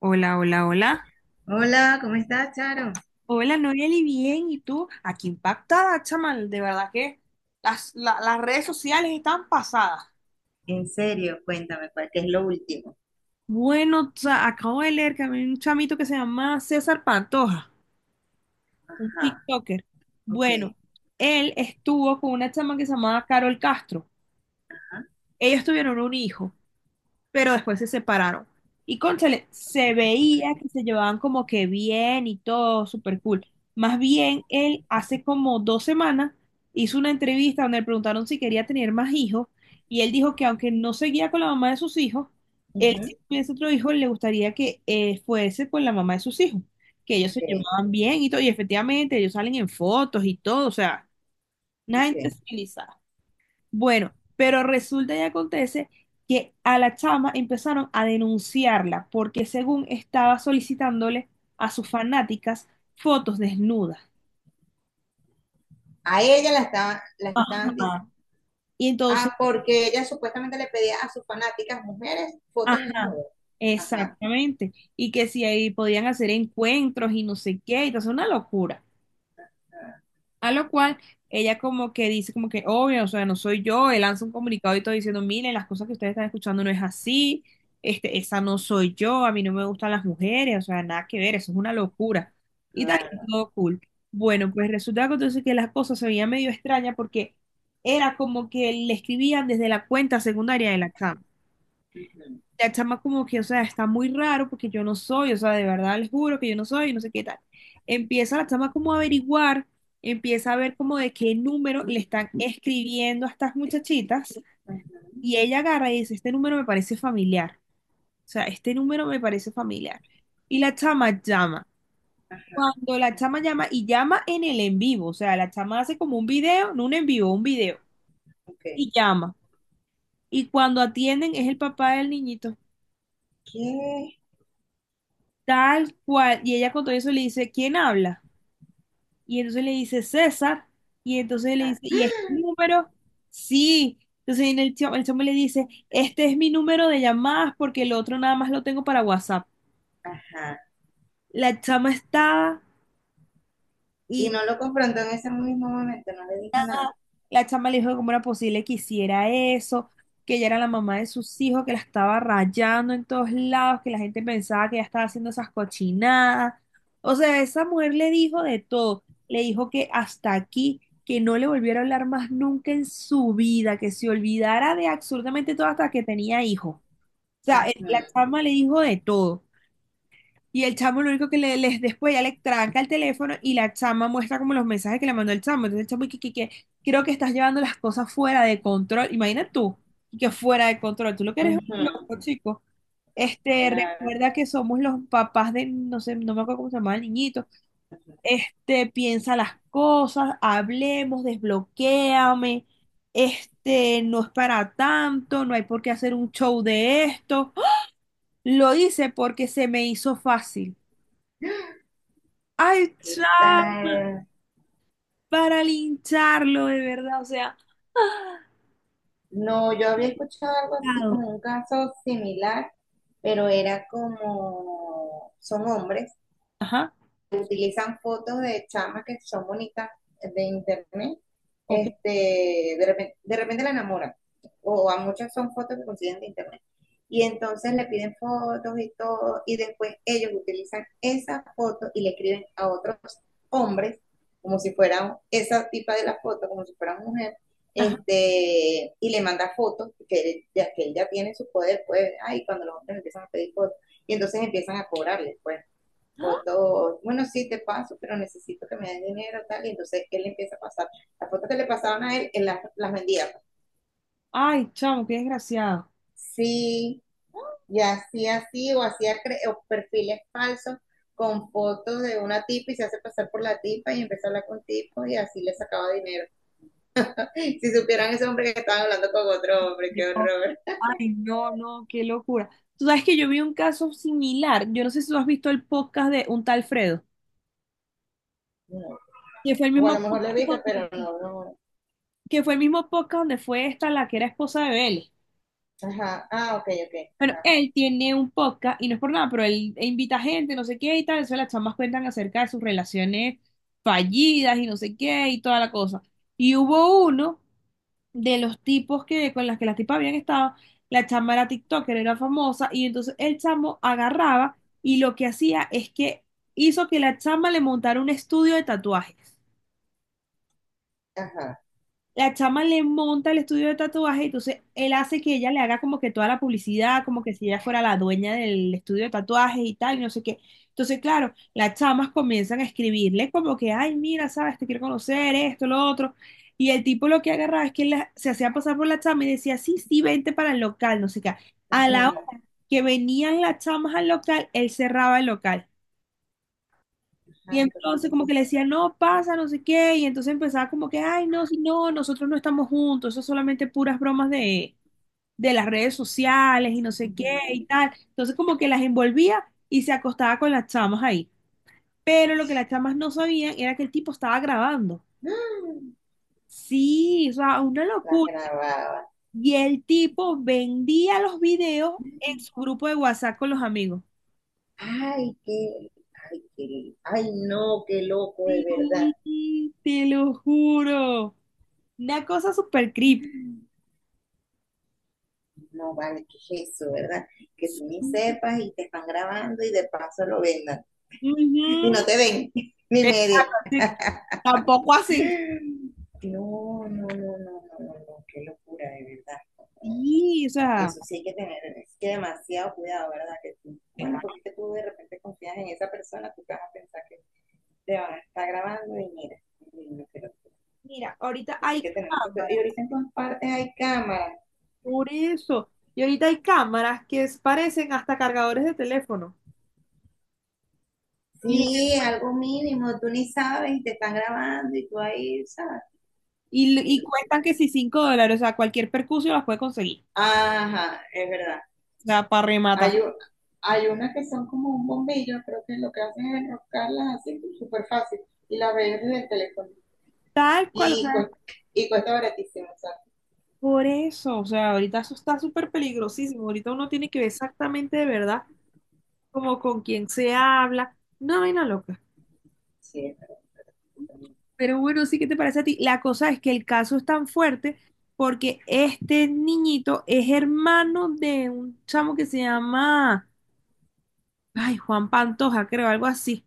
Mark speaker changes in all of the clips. Speaker 1: Hola, hola, hola.
Speaker 2: Hola, ¿cómo estás, Charo?
Speaker 1: Hola, Noeli, bien. ¿Y tú? Aquí impactada, chaval. De verdad que las redes sociales están pasadas.
Speaker 2: En serio, cuéntame, ¿cuál qué es lo último?
Speaker 1: Bueno, o sea, acabo de leer que había un chamito que se llama César Pantoja, un
Speaker 2: Ajá,
Speaker 1: TikToker.
Speaker 2: ok,
Speaker 1: Bueno, él estuvo con una chama que se llamaba Carol Castro. Ellos tuvieron un hijo, pero después se separaron. Y cónchale, se
Speaker 2: ok,
Speaker 1: veía que se llevaban como que bien y todo, súper cool. Más bien, él hace como 2 semanas hizo una entrevista donde le preguntaron si quería tener más hijos y él dijo que aunque no seguía con la mamá de sus hijos, él
Speaker 2: ujú,
Speaker 1: si tuviese otro hijo le gustaría que fuese con la mamá de sus hijos, que ellos
Speaker 2: ok,
Speaker 1: se llevaban bien y todo, y efectivamente ellos salen en fotos y todo, o sea, una gente
Speaker 2: ok.
Speaker 1: civilizada. Bueno, pero resulta y acontece que a la chama empezaron a denunciarla porque según estaba solicitándole a sus fanáticas fotos desnudas.
Speaker 2: A ella la estaban.
Speaker 1: Ajá. Y entonces,
Speaker 2: Ah, porque ella supuestamente le pedía a sus fanáticas mujeres fotos
Speaker 1: ajá,
Speaker 2: desnudas. Ajá,
Speaker 1: exactamente. Y que si ahí podían hacer encuentros y no sé qué, y entonces una locura. A lo cual ella como que dice como que, obvio, o sea, no soy yo, él lanza un comunicado y todo diciendo, miren, las cosas que ustedes están escuchando no es así, este, esa no soy yo, a mí no me gustan las mujeres, o sea, nada que ver, eso es una locura. Y tal, y
Speaker 2: claro.
Speaker 1: todo cool. Bueno, pues resulta que entonces que las cosas se veían medio extrañas porque era como que le escribían desde la cuenta secundaria de la
Speaker 2: Ujú,
Speaker 1: la chama como que, o sea, está muy raro porque yo no soy, o sea, de verdad les juro que yo no soy, no sé qué tal. Empieza la chama como a averiguar, empieza a ver como de qué número le están escribiendo a estas muchachitas y
Speaker 2: ujú.
Speaker 1: ella agarra y dice, este número me parece familiar, o sea, este número me parece familiar. Y la chama llama.
Speaker 2: Ajá,
Speaker 1: Cuando la chama llama y llama en el en vivo, o sea, la chama hace como un video, no un en vivo, un video,
Speaker 2: ok.
Speaker 1: y llama. Y cuando atienden es el papá del niñito.
Speaker 2: ¿Qué?
Speaker 1: Tal cual. Y ella con todo eso le dice, ¿quién habla? Y entonces le dice, César. Y entonces le
Speaker 2: Ajá,
Speaker 1: dice, ¿y es mi número? Sí. Entonces viene el chamo le dice, este es mi número de llamadas porque el otro nada más lo tengo para WhatsApp.
Speaker 2: ajá.
Speaker 1: La chama estaba
Speaker 2: Y
Speaker 1: y
Speaker 2: no lo confrontó en ese mismo momento, no le dijo nada.
Speaker 1: la chama le dijo que cómo era posible que hiciera eso, que ella era la mamá de sus hijos, que la estaba rayando en todos lados, que la gente pensaba que ella estaba haciendo esas cochinadas. O sea, esa mujer le dijo de todo. Le dijo que hasta aquí, que no le volviera a hablar más nunca en su vida, que se olvidara de absolutamente todo hasta que tenía hijo. O sea,
Speaker 2: Ujú,
Speaker 1: la chama le dijo de todo. Y el chamo lo único que le, les después ya le tranca el teléfono y la chama muestra como los mensajes que le mandó el chamo. Entonces el chamo y que, creo que estás llevando las cosas fuera de control. Imagina tú, y que fuera de control. Tú lo que eres es
Speaker 2: ujú,
Speaker 1: un loco, chico. Este,
Speaker 2: claro.
Speaker 1: recuerda que somos los papás de, no sé, no me acuerdo cómo se llama el niñito.
Speaker 2: Ujú.
Speaker 1: Este, piensa las cosas, hablemos, desbloquéame. Este, no es para tanto, no hay por qué hacer un show de esto. ¡Oh! Lo hice porque se me hizo fácil. Ay,
Speaker 2: ¿Qué
Speaker 1: ya,
Speaker 2: tal?
Speaker 1: para lincharlo, de verdad, o sea,
Speaker 2: No, yo había escuchado algo así
Speaker 1: claro,
Speaker 2: como un caso similar, pero era como, son hombres,
Speaker 1: ajá,
Speaker 2: utilizan fotos de chamas que son bonitas de internet,
Speaker 1: ok,
Speaker 2: de repente la enamoran, o a muchas son fotos que consiguen de internet. Y entonces le piden fotos y todo, y después ellos utilizan esas fotos y le escriben a otros hombres, como si fueran esa tipa de la foto, como si fueran mujer,
Speaker 1: ajá.
Speaker 2: y le manda fotos que él ya tiene su poder, pues, ay, cuando los hombres empiezan a pedir fotos, y entonces empiezan a cobrarle, pues fotos, bueno, sí te paso, pero necesito que me den dinero, tal, y entonces él empieza a pasar. Las fotos que le pasaban a él, él las vendía, pues.
Speaker 1: Ay, chamo, qué desgraciado.
Speaker 2: Sí, y hacía así, o perfiles falsos con fotos de una tipa y se hace pasar por la tipa y empezó a hablar con tipos y así le sacaba dinero. Si supieran ese hombre que estaba hablando con otro hombre,
Speaker 1: Yo,
Speaker 2: qué horror.
Speaker 1: ay, no, no, qué locura. Tú sabes que yo vi un caso similar. Yo no sé si tú has visto el podcast de un tal Fredo,
Speaker 2: No.
Speaker 1: que fue el
Speaker 2: O a lo
Speaker 1: mismo
Speaker 2: mejor le
Speaker 1: podcast
Speaker 2: ubica,
Speaker 1: donde,
Speaker 2: pero no, no.
Speaker 1: que fue el mismo podcast donde fue esta la que era esposa de Vélez.
Speaker 2: Ajá, ah, ok, ok,
Speaker 1: Bueno,
Speaker 2: ajá,
Speaker 1: él tiene un podcast y no es por nada, pero él invita gente, no sé qué y tal. Entonces las chamas cuentan acerca de sus relaciones fallidas y no sé qué y toda la cosa. Y hubo uno de los tipos que con las tipas habían estado, la chama era TikToker, era famosa y entonces el chamo agarraba y lo que hacía es que hizo que la chama le montara un estudio de tatuajes.
Speaker 2: ajá.
Speaker 1: La chama le monta el estudio de tatuaje, entonces él hace que ella le haga como que toda la publicidad, como que si ella fuera la dueña del estudio de tatuajes y tal, y no sé qué. Entonces, claro, las chamas comienzan a escribirle como que, ay, mira, sabes, te quiero conocer, esto, lo otro. Y el tipo lo que agarraba es que se hacía pasar por la chama y decía, sí, sí, vente para el local, no sé qué. A la
Speaker 2: Ujú.
Speaker 1: hora que venían las chamas al local, él cerraba el local. Y
Speaker 2: Ajá,
Speaker 1: entonces
Speaker 2: entonces,
Speaker 1: como que
Speaker 2: sí.
Speaker 1: le decía, no pasa, no sé qué, y entonces empezaba como que, ay, no, si no, nosotros no estamos juntos, eso es solamente puras bromas de las redes sociales y no sé qué
Speaker 2: Ujú.
Speaker 1: y tal. Entonces como que las envolvía y se acostaba con las chamas ahí. Pero lo que las chamas no sabían era que el tipo estaba grabando.
Speaker 2: Ah,
Speaker 1: Sí, o sea, una
Speaker 2: las
Speaker 1: locura.
Speaker 2: grababa.
Speaker 1: Y el tipo vendía los videos en su grupo de WhatsApp con los amigos.
Speaker 2: Ay, qué, ay, qué, ay, no, qué loco de
Speaker 1: Sí,
Speaker 2: verdad.
Speaker 1: te lo juro. Una cosa súper creepy.
Speaker 2: No vale, qué es eso, ¿verdad? Que tú ni sepas y te están grabando y de paso lo vendan. Y no
Speaker 1: Ujú,
Speaker 2: te ven, ni medio.
Speaker 1: sí, tampoco así.
Speaker 2: No, no, no, no, no, no, no, qué locura, de verdad.
Speaker 1: Sí, o sea,
Speaker 2: Eso sí hay que tener, es que demasiado cuidado, ¿verdad? Que tú, bueno,
Speaker 1: claro,
Speaker 2: porque es que tú de repente confías en esa persona, tú te vas a pensar que te van a estar grabando y mira, y no, pero
Speaker 1: mira, ahorita
Speaker 2: eso hay
Speaker 1: hay
Speaker 2: que tener mucho cuidado. Y
Speaker 1: cámaras,
Speaker 2: ahorita en todas partes hay cámaras.
Speaker 1: por eso. Y ahorita hay cámaras que parecen hasta cargadores de teléfono. Y, lo
Speaker 2: Sí,
Speaker 1: que-
Speaker 2: es algo mínimo, tú ni sabes y te están grabando y tú ahí, ¿sabes?
Speaker 1: y,
Speaker 2: Qué
Speaker 1: y
Speaker 2: locura.
Speaker 1: cuestan que si $5, o sea, cualquier percusión las puede conseguir.
Speaker 2: Ajá, es verdad.
Speaker 1: O sea, para rematar.
Speaker 2: Hay, u- hay unas que son como un bombillo, creo que lo que hacen es enroscarlas así súper fácil y las ves desde el teléfono.
Speaker 1: Tal cual, o
Speaker 2: Y,
Speaker 1: sea,
Speaker 2: cuesta, y cuesta baratísimo, sabes.
Speaker 1: por eso. O sea, ahorita eso está súper peligrosísimo. Ahorita uno tiene que ver exactamente de verdad como con quién se habla. No, vaina loca.
Speaker 2: Sí, es verdad, es verdad.
Speaker 1: Pero bueno, sí, ¿qué te parece a ti? La cosa es que el caso es tan fuerte porque este niñito es hermano de un chamo que se llama, ay, Juan Pantoja, creo, algo así,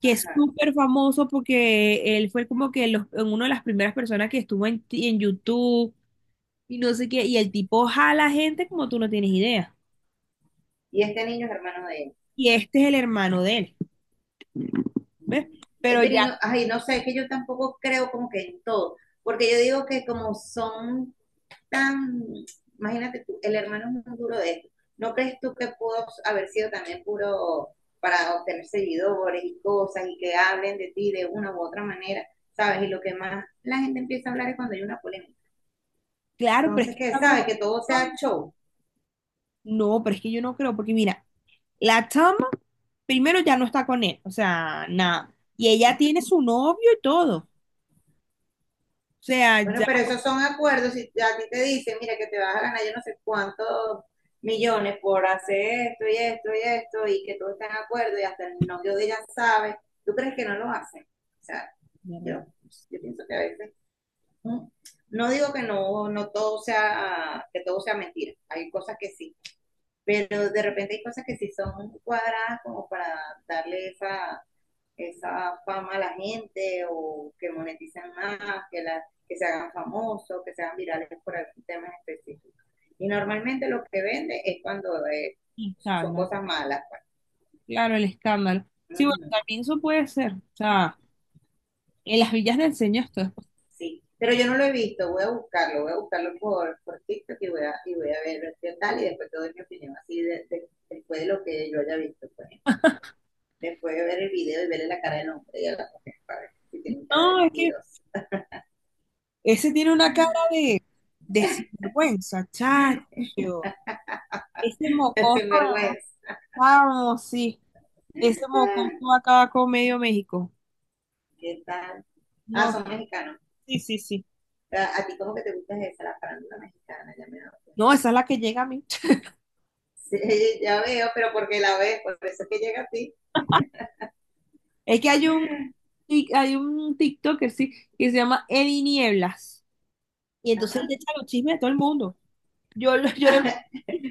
Speaker 1: que es
Speaker 2: Ajá.
Speaker 1: súper famoso porque él fue como que los, en una de las primeras personas que estuvo en, en YouTube y no sé qué, y el tipo jala gente como tú no tienes idea.
Speaker 2: Y este niño es hermano de él.
Speaker 1: Y este es el hermano de él, ¿ves?
Speaker 2: Mm.
Speaker 1: Pero
Speaker 2: Pero y no,
Speaker 1: ya,
Speaker 2: ay, no sé, es que yo tampoco creo como que en todo, porque yo digo que como son tan, imagínate tú, el hermano es muy duro de esto. ¿No crees tú que pudo haber sido también puro para obtener seguidores y cosas y que hablen de ti de una u otra manera, ¿sabes? Y lo que más la gente empieza a hablar es cuando hay una polémica.
Speaker 1: claro, pero es
Speaker 2: Entonces,
Speaker 1: que
Speaker 2: que,
Speaker 1: esta
Speaker 2: ¿sabes? Que todo sea show.
Speaker 1: no, pero es que yo no creo, porque mira, la chama primero ya no está con él, o sea, nada. Y ella tiene su novio y todo. O sea,
Speaker 2: Bueno,
Speaker 1: ya.
Speaker 2: pero esos son acuerdos. Si a ti te dicen, mira, que te vas a ganar yo no sé cuántos millones por hacer esto y esto y esto, y que todos estén de acuerdo y hasta el novio de ella sabe, ¿tú crees que no lo hacen? O sea,
Speaker 1: Sí,
Speaker 2: yo, yo pienso que a veces, ¿no? No digo que no, no todo sea, que todo sea mentira, hay cosas que sí, pero de repente hay cosas que sí son cuadradas como para darle esa, esa fama a la gente o que moneticen más, que, la, que se hagan famosos, que se hagan virales por algún tema específico. Y normalmente lo que vende es cuando son
Speaker 1: escándalo,
Speaker 2: cosas malas, pues.
Speaker 1: claro, el escándalo.
Speaker 2: Uh
Speaker 1: Sí, bueno,
Speaker 2: -huh,
Speaker 1: también eso puede ser. O sea, en las villas del señor esto después.
Speaker 2: sí, pero yo no lo he visto, voy a buscarlo por TikTok y voy a ver qué tal y después te doy mi opinión, así después de lo que yo haya visto, pues. Después de ver el video y verle la cara del hombre y a la mujer, para ver si tiene cara de
Speaker 1: No, es que
Speaker 2: mentiroso.
Speaker 1: ese tiene una cara de sinvergüenza, chacho. Ese mocoso,
Speaker 2: Sin vergüenza.
Speaker 1: vamos, sí. Ese mocoso
Speaker 2: Ah,
Speaker 1: acaba con medio México.
Speaker 2: ¿qué tal? Ah,
Speaker 1: No,
Speaker 2: son mexicanos.
Speaker 1: sí, sí, sí.
Speaker 2: A ti como que te gusta esa, la farándula mexicana, ya me doy cuenta.
Speaker 1: No, esa es la que llega a mí.
Speaker 2: Sí, ya veo, pero porque la ves, por eso es que llega a ti.
Speaker 1: Es que hay un, hay un TikToker, sí, que se llama Eddie Nieblas. Y entonces
Speaker 2: Ajá.
Speaker 1: él le echa los chismes a todo el mundo. Yo, lo- yo lo-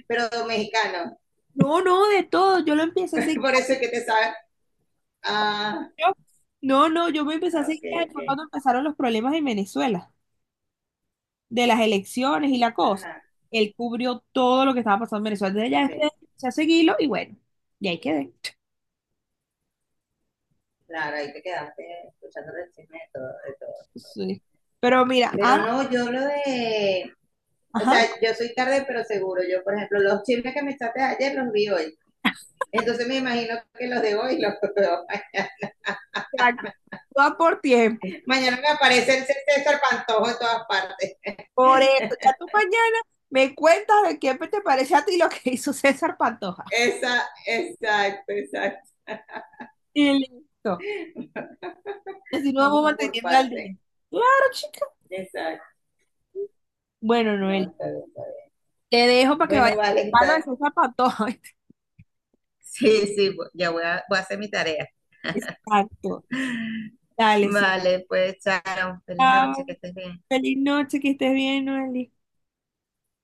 Speaker 2: Pero mexicano,
Speaker 1: no, no, de todo. Yo lo empecé a seguir.
Speaker 2: por eso es que te sabes. Ah,
Speaker 1: Yo- no, no, yo me empecé a
Speaker 2: ok,
Speaker 1: seguir a él
Speaker 2: ok.
Speaker 1: fue cuando empezaron los problemas en Venezuela, de las elecciones y la cosa.
Speaker 2: Ajá,
Speaker 1: Él cubrió todo lo que estaba pasando en Venezuela. Entonces ya
Speaker 2: ok.
Speaker 1: después empecé a seguirlo y bueno, y ahí quedé.
Speaker 2: Claro, ahí te quedaste escuchando el chisme de todo, de todo.
Speaker 1: Sí. Pero mira,
Speaker 2: Pero
Speaker 1: ah,
Speaker 2: no, o sea,
Speaker 1: ajá,
Speaker 2: yo soy tarde, pero seguro. Yo, por ejemplo, los chismes que me echaste ayer los vi hoy. Entonces me imagino que los de hoy los veo mañana.
Speaker 1: exacto. Va por tiempo.
Speaker 2: Mañana me aparece el César Pantojo en todas partes.
Speaker 1: Por eso, ya tú mañana me cuentas de qué te parece a ti lo que hizo César Pantoja.
Speaker 2: Esa, exacto, exacto.
Speaker 1: Y listo. Así nos
Speaker 2: Vamos
Speaker 1: vamos
Speaker 2: por
Speaker 1: manteniendo al día.
Speaker 2: parte.
Speaker 1: Claro, chica.
Speaker 2: Exacto.
Speaker 1: Bueno,
Speaker 2: No,
Speaker 1: Noel,
Speaker 2: está bien, está bien.
Speaker 1: te dejo para que
Speaker 2: Bueno,
Speaker 1: vayas
Speaker 2: vale,
Speaker 1: a lo de
Speaker 2: está.
Speaker 1: César Pantoja.
Speaker 2: Sí, sí, ya voy a hacer mi tarea.
Speaker 1: Exacto. Dale, si
Speaker 2: Vale, pues, chao. Feliz
Speaker 1: acabas.
Speaker 2: noche, que estés bien.
Speaker 1: Feliz noche, que estés bien, Noel.